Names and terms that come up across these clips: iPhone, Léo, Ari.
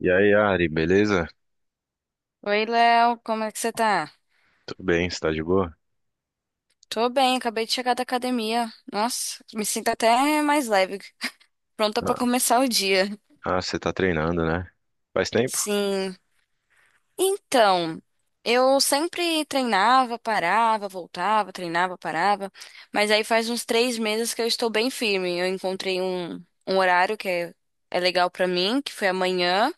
E aí, Ari, beleza? Oi, Léo, como é que você tá? Tudo bem, você tá de boa? Tô bem, acabei de chegar da academia. Nossa, me sinto até mais leve, pronta pra Ah, começar o dia. ah, você tá treinando, né? Faz tempo? Sim. Então, eu sempre treinava, parava, voltava, treinava, parava, mas aí faz uns 3 meses que eu estou bem firme. Eu encontrei um horário que é legal pra mim, que foi amanhã.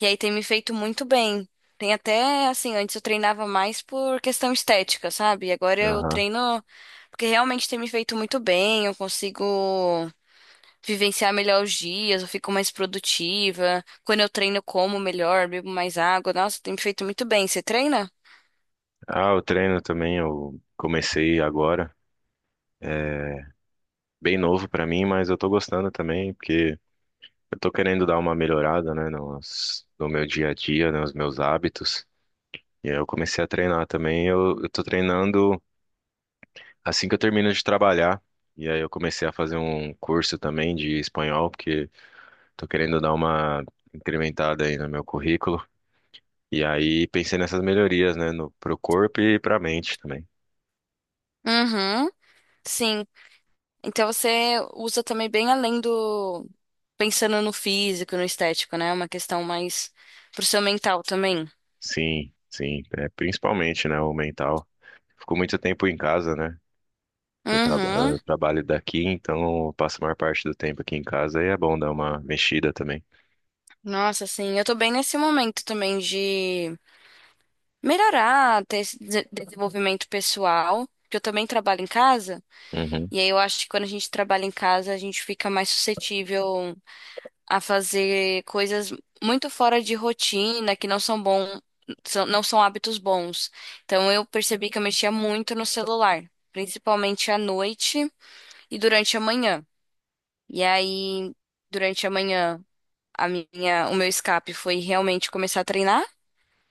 E aí tem me feito muito bem. Tem até, assim, antes eu treinava mais por questão estética, sabe? E agora eu Aham. treino porque realmente tem me feito muito bem, eu consigo vivenciar melhor os dias, eu fico mais produtiva. Quando eu treino, eu como melhor, bebo mais água. Nossa, tem me feito muito bem. Você treina? Ah, eu treino também, eu comecei agora. Bem novo pra mim, mas eu tô gostando também, porque eu tô querendo dar uma melhorada, né, no meu dia a dia, né, nos meus hábitos. E aí eu comecei a treinar também, eu tô treinando assim que eu termino de trabalhar. E aí eu comecei a fazer um curso também de espanhol, porque tô querendo dar uma incrementada aí no meu currículo. E aí pensei nessas melhorias, né, no, pro corpo e pra mente também. Uhum, sim. Então você usa também bem além do pensando no físico, no estético, né? É uma questão mais pro seu mental também. Sim, sim, é, principalmente, né, o mental. Fico muito tempo em casa, né? Uhum. Eu trabalho daqui, então eu passo a maior parte do tempo aqui em casa e é bom dar uma mexida também. Nossa, sim, eu tô bem nesse momento também de melhorar, ter esse desenvolvimento pessoal, que eu também trabalho em casa, Uhum, e aí eu acho que quando a gente trabalha em casa, a gente fica mais suscetível a fazer coisas muito fora de rotina, que não são bom, não são hábitos bons. Então eu percebi que eu mexia muito no celular, principalmente à noite e durante a manhã. E aí, durante a manhã, o meu escape foi realmente começar a treinar.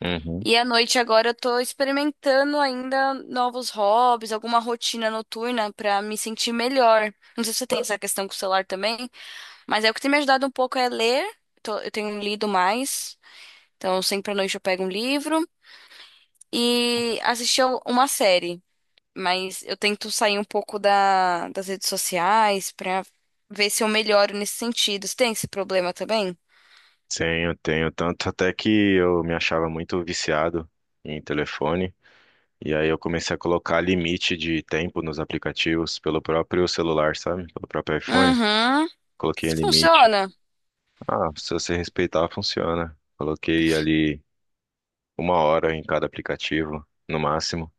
uhum. E à noite agora eu tô experimentando ainda novos hobbies, alguma rotina noturna pra me sentir melhor. Não sei se você tem essa questão com o celular também, mas o que tem me ajudado um pouco é ler. Eu tenho lido mais, então sempre à noite eu pego um livro e assistir a uma série. Mas eu tento sair um pouco das redes sociais pra ver se eu melhoro nesse sentido. Você tem esse problema também? Tenho, tenho. Tanto até que eu me achava muito viciado em telefone. E aí eu comecei a colocar limite de tempo nos aplicativos pelo próprio celular, sabe? Pelo próprio iPhone. Uhum. Coloquei limite. Funciona. Ah, se você respeitar, funciona. Coloquei ali uma hora em cada aplicativo, no máximo,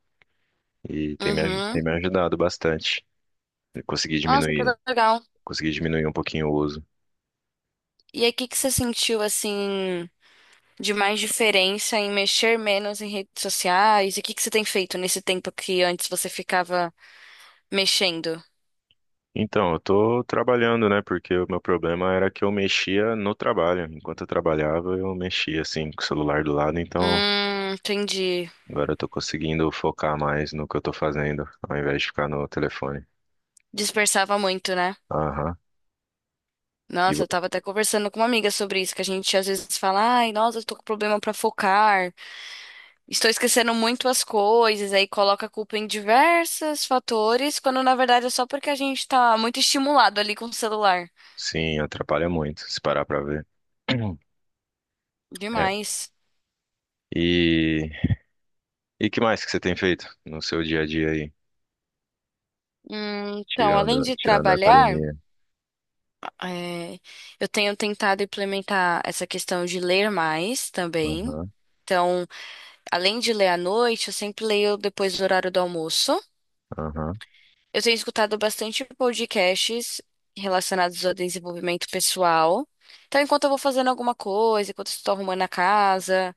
e Uhum. tem me ajudado bastante. Eu Nossa, que legal. consegui diminuir um pouquinho o uso. E aí, o que que você sentiu assim de mais diferença em mexer menos em redes sociais? E o que que você tem feito nesse tempo que antes você ficava mexendo? Então, eu tô trabalhando, né? Porque o meu problema era que eu mexia no trabalho. Enquanto eu trabalhava, eu mexia assim com o celular do lado, então Entendi. agora eu tô conseguindo focar mais no que eu tô fazendo, ao invés de ficar no telefone. Dispersava muito, né? Aham. E Nossa, vo- eu tava até conversando com uma amiga sobre isso, que a gente às vezes fala, ai, nossa, eu tô com problema pra focar, estou esquecendo muito as coisas, aí coloca a culpa em diversos fatores, quando na verdade é só porque a gente tá muito estimulado ali com o celular. sim, atrapalha muito, se parar pra ver. É. Demais. E E que mais que você tem feito no seu dia a dia aí? Então, além Tirando, de tirando a trabalhar, academia. é, eu tenho tentado implementar essa questão de ler mais também. Aham, Então, além de ler à noite, eu sempre leio depois do horário do almoço. aham. Eu tenho escutado bastante podcasts relacionados ao desenvolvimento pessoal. Então, enquanto eu vou fazendo alguma coisa, enquanto eu estou arrumando a casa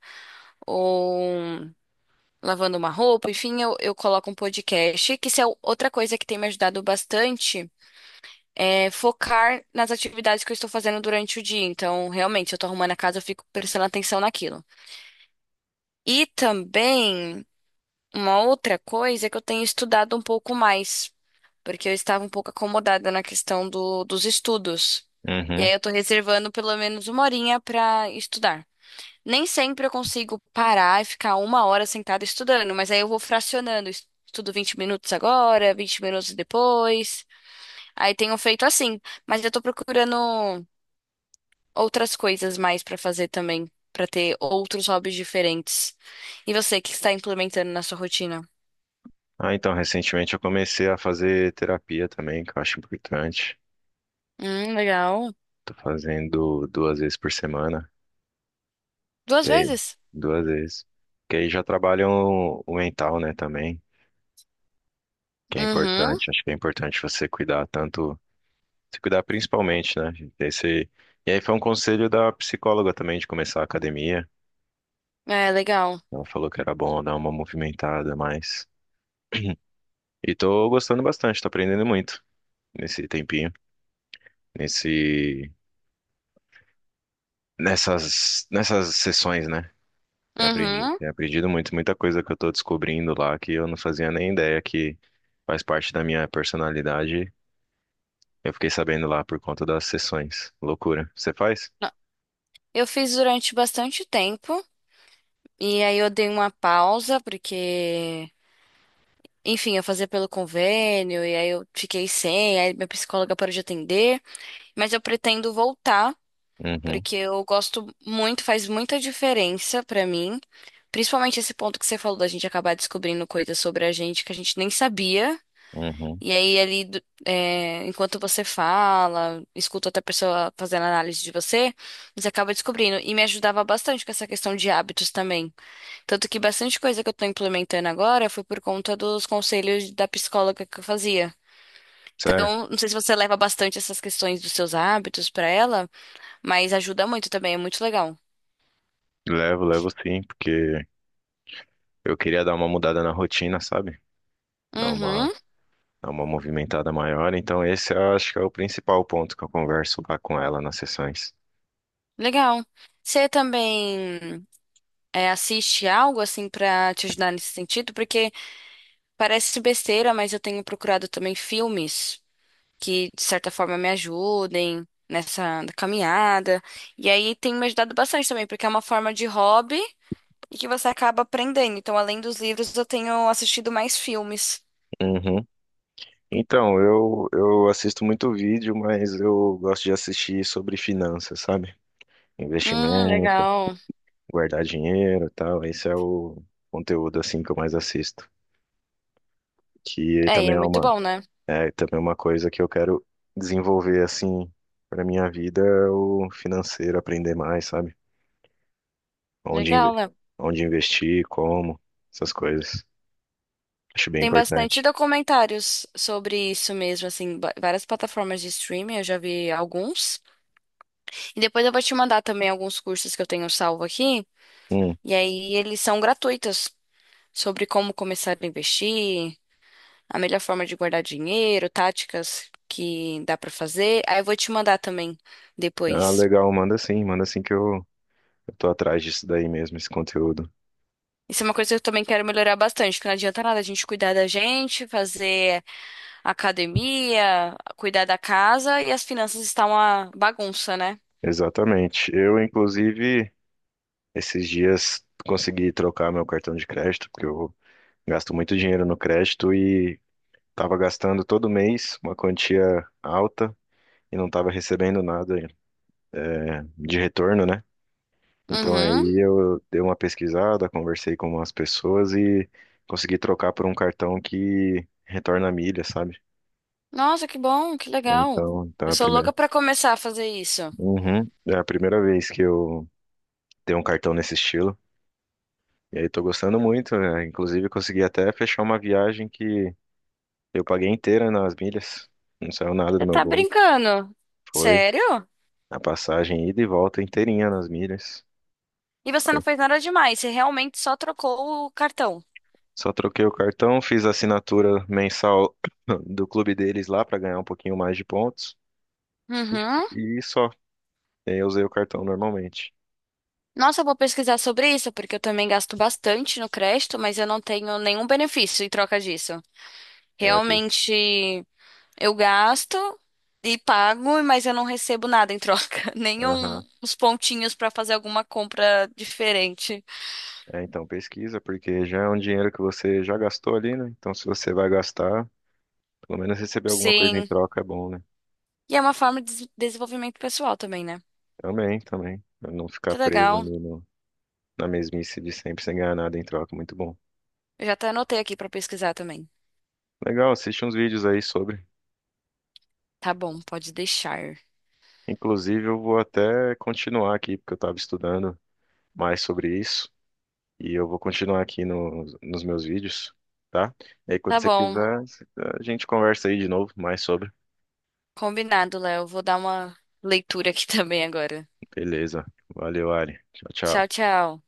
ou lavando uma roupa, enfim, eu coloco um podcast, que isso é outra coisa que tem me ajudado bastante é, focar nas atividades que eu estou fazendo durante o dia. Então, realmente, eu tô arrumando a casa, eu fico prestando atenção naquilo. E também, uma outra coisa é que eu tenho estudado um pouco mais, porque eu estava um pouco acomodada na questão dos estudos. E aí, Uhum. eu tô reservando pelo menos uma horinha para estudar. Nem sempre eu consigo parar e ficar uma hora sentada estudando, mas aí eu vou fracionando. Estudo 20 minutos agora, 20 minutos depois. Aí tenho feito assim. Mas eu tô procurando outras coisas mais pra fazer também, pra ter outros hobbies diferentes. E você, o que está implementando na sua rotina? Ah, então, recentemente eu comecei a fazer terapia também, que eu acho importante. Legal. Tô fazendo duas vezes por semana, Duas que aí, vezes? duas vezes. Que aí já trabalham o mental, né, também, que é Uhum. importante. Acho que é importante você cuidar tanto, se cuidar principalmente, né? Esse... E aí foi um conselho da psicóloga também de começar a academia. É, legal. Ela falou que era bom dar uma movimentada a mais. E tô gostando bastante, tô aprendendo muito nesse tempinho, nesse, nessas sessões, né? Uhum. Tenho aprendido muito, muita coisa que eu tô descobrindo lá que eu não fazia nem ideia que faz parte da minha personalidade. Eu fiquei sabendo lá por conta das sessões. Loucura. Você faz? Não, eu fiz durante bastante tempo e aí eu dei uma pausa porque, enfim, eu fazia pelo convênio e aí eu fiquei sem, aí minha psicóloga parou de atender, mas eu pretendo voltar Uhum, porque eu gosto muito, faz muita diferença pra mim, principalmente esse ponto que você falou da gente acabar descobrindo coisas sobre a gente que a gente nem sabia. uhum. E aí, ali, é, enquanto você fala, escuta outra pessoa fazendo análise de você, você acaba descobrindo. E me ajudava bastante com essa questão de hábitos também. Tanto que bastante coisa que eu tô implementando agora foi por conta dos conselhos da psicóloga que eu fazia. Sério? Então, não sei se você leva bastante essas questões dos seus hábitos pra ela, mas ajuda muito também, é muito legal. Levo, levo sim, porque eu queria dar uma mudada na rotina, sabe? Dar uma, Uhum, dar uma movimentada maior. Então, esse eu acho que é o principal ponto que eu converso lá com ela nas sessões. legal. Você também é, assiste algo assim pra te ajudar nesse sentido? Porque parece besteira, mas eu tenho procurado também filmes que de certa forma me ajudem nessa caminhada. E aí tem me ajudado bastante também, porque é uma forma de hobby e que você acaba aprendendo. Então, além dos livros, eu tenho assistido mais filmes. Uhum. Então, eu assisto muito vídeo, mas eu gosto de assistir sobre finanças, sabe? Investimento, Legal. guardar dinheiro e tal. Esse é o conteúdo assim que eu mais assisto. Que É, e também é é muito uma, bom, né? é também é uma coisa que eu quero desenvolver assim para minha vida, é o financeiro, aprender mais, sabe? Onde, inve- Legal, Léo. onde investir, como, essas coisas. Acho bem Tem bastante importante. documentários sobre isso mesmo, assim, várias plataformas de streaming, eu já vi alguns. E depois eu vou te mandar também alguns cursos que eu tenho salvo aqui, Hum. e aí eles são gratuitos, sobre como começar a investir, a melhor forma de guardar dinheiro, táticas que dá pra fazer. Aí eu vou te mandar também Ah, depois. legal, manda sim que eu tô atrás disso daí mesmo, esse conteúdo. Isso é uma coisa que eu também quero melhorar bastante, que não adianta nada a gente cuidar da gente, fazer academia, cuidar da casa e as finanças estão uma bagunça, né? Exatamente. Eu, inclusive, esses dias consegui trocar meu cartão de crédito, porque eu gasto muito dinheiro no crédito e estava gastando todo mês uma quantia alta e não estava recebendo nada, é, de retorno, né? Então Uhum. aí eu dei uma pesquisada, conversei com umas pessoas e consegui trocar por um cartão que retorna milha, sabe? Nossa, que bom, que legal. Então, é Eu a sou primeira. louca pra começar a fazer isso. Uhum. É a primeira vez que eu tenho um cartão nesse estilo. E aí tô gostando muito, né? Inclusive consegui até fechar uma viagem que eu paguei inteira nas milhas. Não saiu nada do Você meu tá bolso. brincando? Foi Sério? a passagem ida e volta inteirinha nas milhas. E você não fez nada demais, você realmente só trocou o cartão. Só troquei o cartão, fiz a assinatura mensal do clube deles lá pra ganhar um pouquinho mais de pontos Uhum. e só. E aí eu usei o cartão normalmente. Nossa, eu vou pesquisar sobre isso, porque eu também gasto bastante no crédito, mas eu não tenho nenhum benefício em troca disso. É, pe- Realmente, eu gasto e pago, mas eu não recebo nada em troca, nenhum aham. Uns pontinhos pra fazer alguma compra diferente. É, então pesquisa, porque já é um dinheiro que você já gastou ali, né? Então se você vai gastar, pelo menos receber alguma coisa em Sim. troca é bom, né? E é uma forma de desenvolvimento pessoal também, né? Também, também. Pra não ficar Que preso legal. ali na mesmice de sempre sem ganhar nada em troca. Muito bom. Eu já até anotei aqui pra pesquisar também. Legal, assiste uns vídeos aí sobre. Tá bom, pode deixar. Inclusive, eu vou até continuar aqui, porque eu estava estudando mais sobre isso. E eu vou continuar aqui nos meus vídeos, tá? E aí, Tá quando você bom, quiser, a gente conversa aí de novo mais sobre. combinado, Léo. Vou dar uma leitura aqui também agora. Beleza. Valeu, Ari. Tchau, Tchau, tchau. tchau.